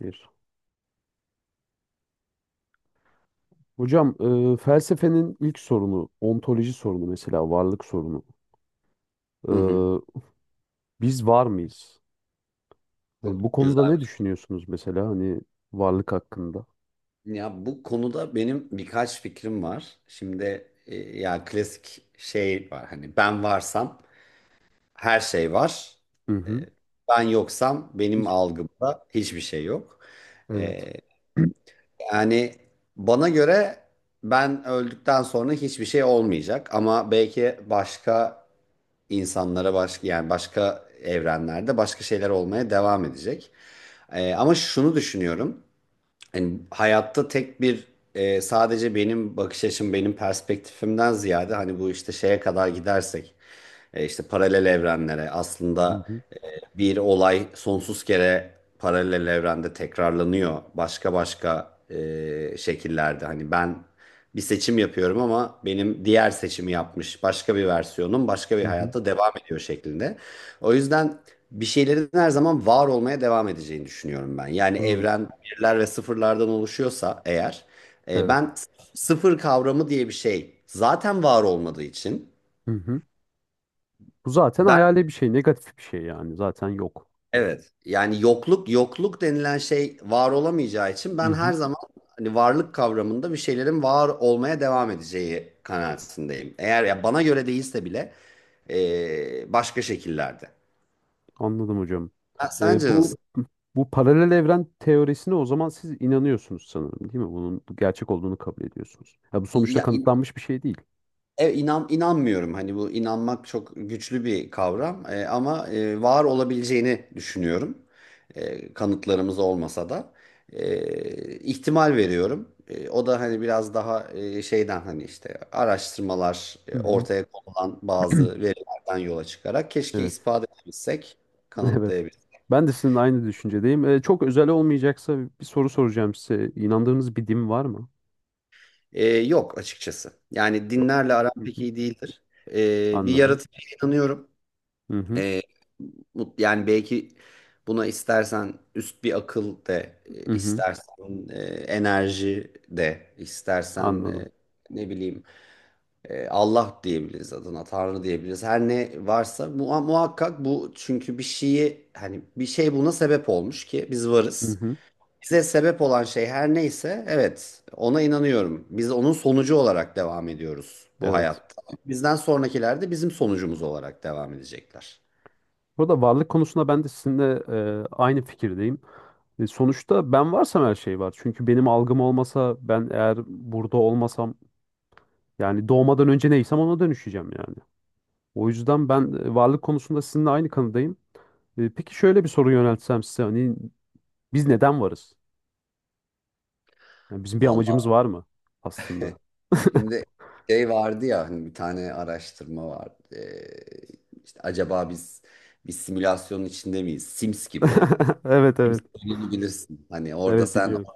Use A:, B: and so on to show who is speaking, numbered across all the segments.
A: Bir. Hocam felsefenin ilk sorunu, ontoloji sorunu, mesela varlık sorunu.
B: Hı hı.
A: E, Biz var mıyız? Hani
B: Çok
A: bu
B: güzel
A: konuda ne
B: bir soru.
A: düşünüyorsunuz mesela, hani varlık hakkında?
B: Ya bu konuda benim birkaç fikrim var. Şimdi ya klasik şey var, hani ben varsam her şey var.
A: Hı hı.
B: E, Ben yoksam benim
A: Hiç.
B: algımda hiçbir şey yok.
A: Evet.
B: E, Yani bana göre ben öldükten sonra hiçbir şey olmayacak, ama belki başka insanlara, başka, yani başka evrenlerde başka şeyler olmaya devam edecek. Ama şunu düşünüyorum: hani hayatta tek bir sadece benim bakış açım, benim perspektifimden ziyade, hani bu işte şeye kadar gidersek, işte paralel evrenlere,
A: Hı
B: aslında
A: hı.
B: bir olay sonsuz kere paralel evrende tekrarlanıyor. Başka başka şekillerde. Hani ben bir seçim yapıyorum ama benim diğer seçimi yapmış başka bir versiyonum başka bir
A: Hı hı.
B: hayatta devam ediyor şeklinde. O yüzden bir şeylerin her zaman var olmaya devam edeceğini düşünüyorum ben. Yani
A: Bunun.
B: evren birler ve sıfırlardan oluşuyorsa eğer,
A: Evet.
B: ben sıfır kavramı diye bir şey zaten var olmadığı için,
A: Hı hı. Bu zaten
B: ben.
A: hayali bir şey, negatif bir şey yani. Zaten yok.
B: Evet. Yani yokluk, yokluk denilen şey var olamayacağı için
A: Hı
B: ben her
A: hı.
B: zaman hani varlık kavramında bir şeylerin var olmaya devam edeceği kanaatindeyim. Eğer ya bana göre değilse bile başka şekillerde.
A: Anladım hocam.
B: Ha, sence nasıl?
A: Bu bu paralel evren teorisine o zaman siz inanıyorsunuz sanırım, değil mi? Bunun gerçek olduğunu kabul ediyorsunuz. Ya bu sonuçta
B: Ya,
A: kanıtlanmış bir şey değil.
B: İnanmıyorum. Hani bu inanmak çok güçlü bir kavram. Ama var olabileceğini düşünüyorum. Kanıtlarımız olmasa da ihtimal veriyorum. O da hani biraz daha şeyden, hani işte araştırmalar,
A: Hı hı.
B: ortaya konulan bazı verilerden yola çıkarak keşke
A: Evet,
B: ispat edebilsek,
A: evet.
B: kanıtlayabilsek.
A: Ben de sizinle aynı düşüncedeyim. Çok özel olmayacaksa bir soru soracağım size. İnandığınız bir din var mı?
B: Yok açıkçası. Yani
A: Yok.
B: dinlerle aram
A: Hı
B: pek
A: hı,
B: iyi değildir. Bir
A: anladım.
B: yaratıcıya inanıyorum.
A: Hı hı,
B: Ee, Yani belki buna istersen üst bir akıl de,
A: hı hı,
B: istersen enerji de, istersen
A: anladım.
B: ne bileyim, Allah diyebiliriz adına, Tanrı diyebiliriz. Her ne varsa muhakkak bu, çünkü bir şeyi, hani bir şey buna sebep olmuş ki biz
A: Hı
B: varız.
A: hı,
B: Bize sebep olan şey her neyse, evet, ona inanıyorum. Biz onun sonucu olarak devam ediyoruz bu
A: evet.
B: hayatta. Bizden sonrakiler de bizim sonucumuz olarak devam edecekler.
A: Burada varlık konusunda ben de sizinle aynı fikirdeyim. Sonuçta ben varsam her şey var. Çünkü benim algım olmasa, ben eğer burada olmasam, yani doğmadan önce neysem ona dönüşeceğim yani. O yüzden ben varlık konusunda sizinle aynı kanıdayım. Peki şöyle bir soru yöneltsem size, hani biz neden varız? Yani bizim bir
B: Vallahi.
A: amacımız var mı aslında?
B: Şimdi şey vardı ya, hani bir tane araştırma vardı. İşte acaba biz bir simülasyonun içinde miyiz? Sims gibi.
A: Evet,
B: Sims
A: evet.
B: oynayabilirsin. Hani orada
A: Evet,
B: sen,
A: biliyorum.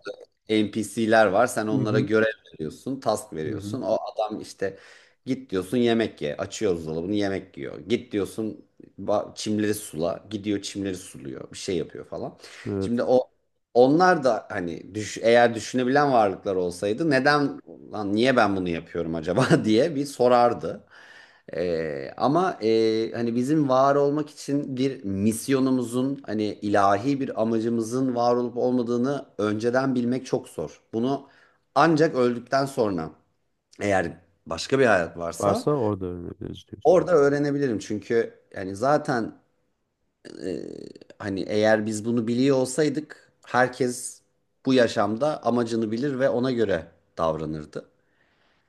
B: NPC'ler var. Sen
A: Hı
B: onlara
A: hı.
B: görev veriyorsun, task
A: Hı hı.
B: veriyorsun. O adam işte git diyorsun yemek ye. Açıyor buzdolabını, yemek yiyor. Git diyorsun çimleri sula. Gidiyor çimleri suluyor. Bir şey yapıyor falan.
A: Evet.
B: Şimdi o Onlar da hani eğer düşünebilen varlıklar olsaydı, neden, lan niye ben bunu yapıyorum acaba diye bir sorardı. Ama hani bizim var olmak için bir misyonumuzun, hani ilahi bir amacımızın var olup olmadığını önceden bilmek çok zor. Bunu ancak öldükten sonra, eğer başka bir hayat varsa,
A: Varsa orada öğrenebiliriz diyorsun.
B: orada öğrenebilirim. Çünkü yani zaten e, hani eğer biz bunu biliyor olsaydık, herkes bu yaşamda amacını bilir ve ona göre davranırdı.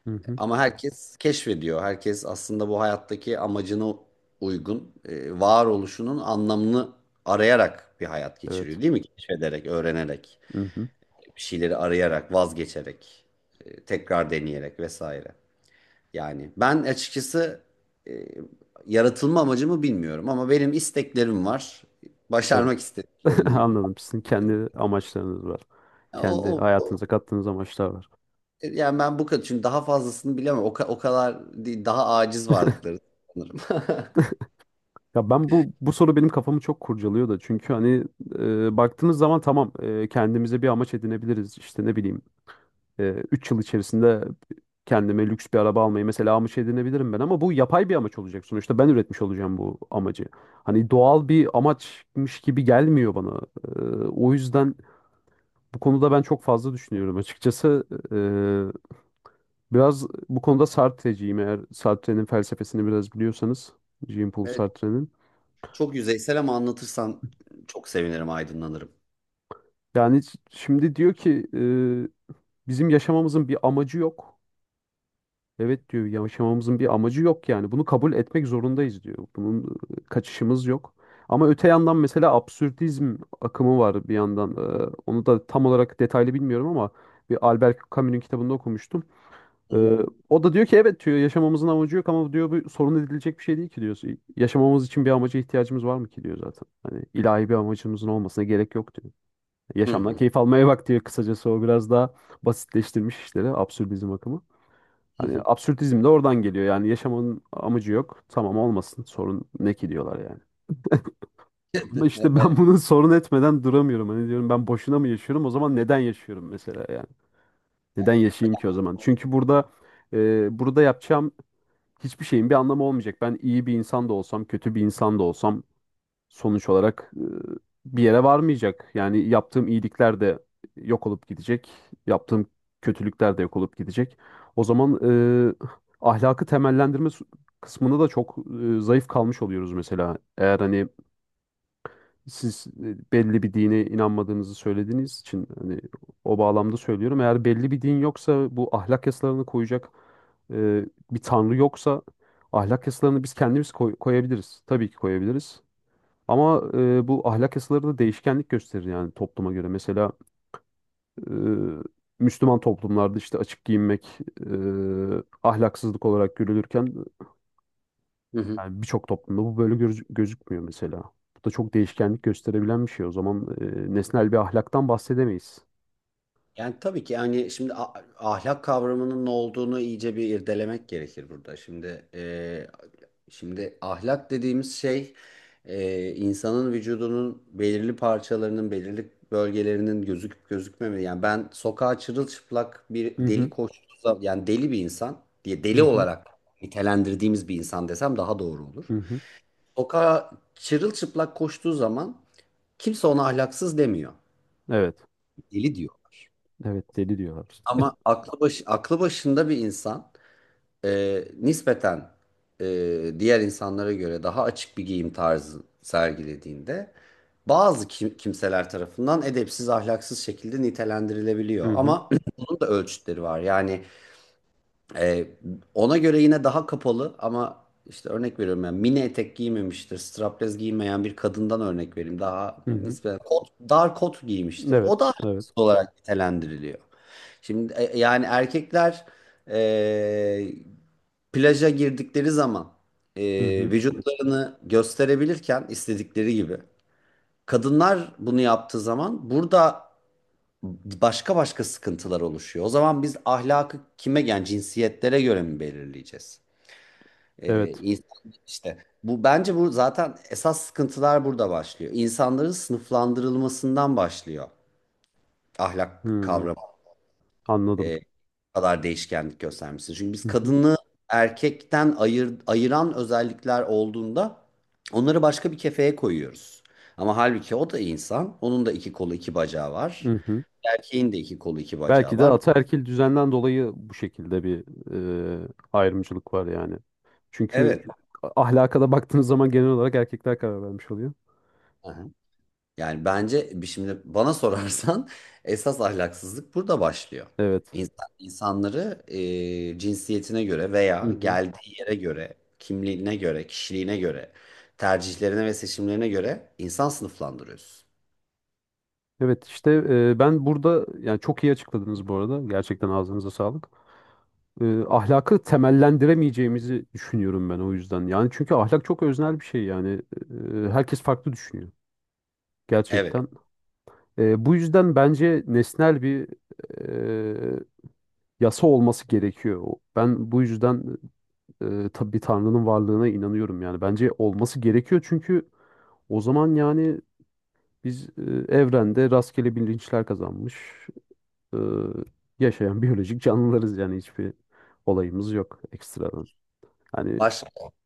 A: Hı hı.
B: Ama herkes keşfediyor. Herkes aslında bu hayattaki amacına uygun, varoluşunun anlamını arayarak bir hayat
A: Evet.
B: geçiriyor, değil mi? Keşfederek, öğrenerek,
A: Hı hı.
B: bir şeyleri arayarak, vazgeçerek, tekrar deneyerek vesaire. Yani ben açıkçası e, yaratılma amacımı bilmiyorum, ama benim isteklerim var. Başarmak
A: Evet.
B: istediklerim.
A: Anladım. Sizin kendi amaçlarınız var.
B: O,
A: Kendi
B: o- o-
A: hayatınıza kattığınız amaçlar var.
B: Yani ben bu kadar, çünkü daha fazlasını bilemem. O kadar değil, daha aciz varlıkları sanırım.
A: Ya ben bu soru benim kafamı çok kurcalıyor da, çünkü hani baktığınız zaman tamam, kendimize bir amaç edinebiliriz, işte ne bileyim, 3 yıl içerisinde kendime lüks bir araba almayı mesela amaç edinebilirim ben, ama bu yapay bir amaç olacak, sonuçta ben üretmiş olacağım bu amacı. Hani doğal bir amaçmış gibi gelmiyor bana. Ee, o yüzden bu konuda ben çok fazla düşünüyorum açıkçası. Ee, biraz bu konuda Sartre'ciyim, eğer Sartre'nin felsefesini biraz biliyorsanız. Jean-Paul Sartre'nin.
B: Çok yüzeysel ama anlatırsan çok sevinirim, aydınlanırım.
A: Yani şimdi diyor ki bizim yaşamamızın bir amacı yok. Evet diyor, yaşamamızın bir amacı yok yani. Bunu kabul etmek zorundayız diyor. Bunun kaçışımız yok. Ama öte yandan mesela absürdizm akımı var bir yandan. Onu da tam olarak detaylı bilmiyorum ama bir Albert Camus'un kitabında okumuştum.
B: Hı hı.
A: Ee, o da diyor ki evet diyor, yaşamamızın amacı yok, ama diyor bu sorun edilecek bir şey değil ki diyor. Yaşamamız için bir amaca ihtiyacımız var mı ki diyor zaten. Hani ilahi bir amacımızın olmasına gerek yok diyor.
B: Hı
A: Yaşamdan
B: hı.
A: keyif almaya bak diyor kısacası, o biraz daha basitleştirmiş işleri absürdizm akımı.
B: Hı
A: Hani
B: hı.
A: absürtizm de oradan geliyor. Yani yaşamanın amacı yok. Tamam, olmasın. Sorun ne ki diyorlar yani. Ama işte ben
B: Evet.
A: bunu sorun etmeden duramıyorum. Hani diyorum ben boşuna mı yaşıyorum? O zaman neden yaşıyorum mesela yani? Neden
B: Yani,
A: yaşayayım ki o zaman? Çünkü burada burada yapacağım hiçbir şeyin bir anlamı olmayacak. Ben iyi bir insan da olsam, kötü bir insan da olsam sonuç olarak bir yere varmayacak. Yani yaptığım iyilikler de yok olup gidecek. Yaptığım kötülükler de yok olup gidecek. O zaman e, ahlakı temellendirme kısmında da çok zayıf kalmış oluyoruz mesela. Eğer hani siz belli bir dine inanmadığınızı söylediğiniz için, hani o bağlamda söylüyorum. Eğer belli bir din yoksa, bu ahlak yasalarını koyacak e, bir tanrı yoksa, ahlak yasalarını biz kendimiz koyabiliriz. Tabii ki koyabiliriz. Ama bu ahlak yasaları da değişkenlik gösterir yani topluma göre. Mesela e, Müslüman toplumlarda işte açık giyinmek ahlaksızlık olarak görülürken,
B: hı hı.
A: yani birçok toplumda bu böyle gözükmüyor mesela. Bu da çok değişkenlik gösterebilen bir şey. O zaman nesnel bir ahlaktan bahsedemeyiz.
B: Yani tabii ki, yani şimdi ahlak kavramının ne olduğunu iyice bir irdelemek gerekir burada. Şimdi şimdi ahlak dediğimiz şey, insanın vücudunun belirli parçalarının, belirli bölgelerinin gözüküp gözükmemesi. Yani ben sokağa çırılçıplak bir
A: Hı
B: deli
A: hı,
B: koştuğu zaman, yani deli bir insan diye,
A: hı
B: deli
A: hı,
B: olarak nitelendirdiğimiz bir insan desem daha doğru
A: hı
B: olur.
A: hı.
B: Sokağa çırılçıplak koştuğu zaman kimse ona ahlaksız demiyor.
A: Evet,
B: Deli diyorlar.
A: evet deli diyorlar.
B: Ama aklı başında bir insan nispeten diğer insanlara göre daha açık bir giyim tarzı sergilediğinde bazı kimseler tarafından edepsiz, ahlaksız şekilde nitelendirilebiliyor.
A: Hı hı,
B: Ama bunun da ölçütleri var. Yani Ee, ona göre yine daha kapalı, ama işte örnek veriyorum, yani mini etek giymemiştir. Strapless giymeyen bir kadından örnek vereyim. Daha
A: hı hı.
B: nispeten kot, dar kot giymiştir. O
A: Evet,
B: da
A: evet.
B: artist olarak nitelendiriliyor. Şimdi yani erkekler e, plaja girdikleri zaman e,
A: Hı hı.
B: vücutlarını gösterebilirken istedikleri gibi. Kadınlar bunu yaptığı zaman burada başka başka sıkıntılar oluşuyor. O zaman biz ahlakı kime, yani cinsiyetlere göre mi belirleyeceğiz?
A: Evet.
B: İnsan işte, bu bence, bu zaten esas sıkıntılar burada başlıyor. İnsanların sınıflandırılmasından başlıyor. Ahlak
A: Hı,
B: kavramı
A: anladım.
B: e, bu kadar değişkenlik göstermesi. Çünkü biz
A: Hı hı.
B: kadını erkekten ayıran özellikler olduğunda onları başka bir kefeye koyuyoruz. Ama halbuki o da insan. Onun da iki kolu, iki bacağı var.
A: Hı hı.
B: Erkeğin de iki kolu, iki bacağı
A: Belki de
B: var.
A: ataerkil düzenden dolayı bu şekilde bir ayrımcılık var yani. Çünkü
B: Evet.
A: ahlaka da baktığınız zaman genel olarak erkekler karar vermiş oluyor.
B: Yani bence şimdi bana sorarsan esas ahlaksızlık burada başlıyor.
A: Evet.
B: İnsan, insanları cinsiyetine göre
A: Hı
B: veya
A: hı.
B: geldiği yere göre, kimliğine göre, kişiliğine göre, tercihlerine ve seçimlerine göre insan sınıflandırıyorsun.
A: Evet işte ben burada yani çok iyi açıkladınız bu arada. Gerçekten ağzınıza sağlık. Ahlakı temellendiremeyeceğimizi düşünüyorum ben o yüzden. Yani çünkü ahlak çok öznel bir şey yani. Herkes farklı düşünüyor
B: Evet,
A: gerçekten. Bu yüzden bence nesnel bir e, yasa olması gerekiyor. Ben bu yüzden tabii Tanrı'nın varlığına inanıyorum yani. Bence olması gerekiyor, çünkü o zaman yani biz evrende rastgele bilinçler kazanmış e, yaşayan biyolojik canlılarız yani hiçbir olayımız yok ekstradan. Hani
B: baş,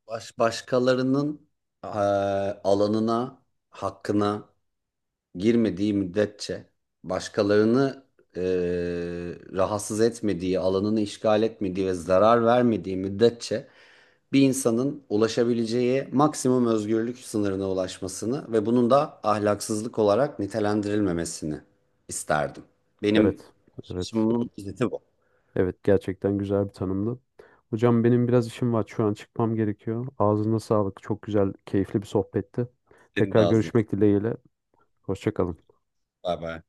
B: baş başkalarının e, alanına, hakkına girmediği müddetçe, başkalarını e, rahatsız etmediği, alanını işgal etmediği ve zarar vermediği müddetçe, bir insanın ulaşabileceği maksimum özgürlük sınırına ulaşmasını ve bunun da ahlaksızlık olarak nitelendirilmemesini isterdim. Benim
A: evet, evet.
B: açımın özeti bu.
A: Evet, gerçekten güzel bir tanımdı. Hocam benim biraz işim var. Şu an çıkmam gerekiyor. Ağzına sağlık. Çok güzel, keyifli bir sohbetti.
B: Senin de
A: Tekrar
B: ağzına.
A: görüşmek dileğiyle. Hoşça kalın.
B: Bay bay.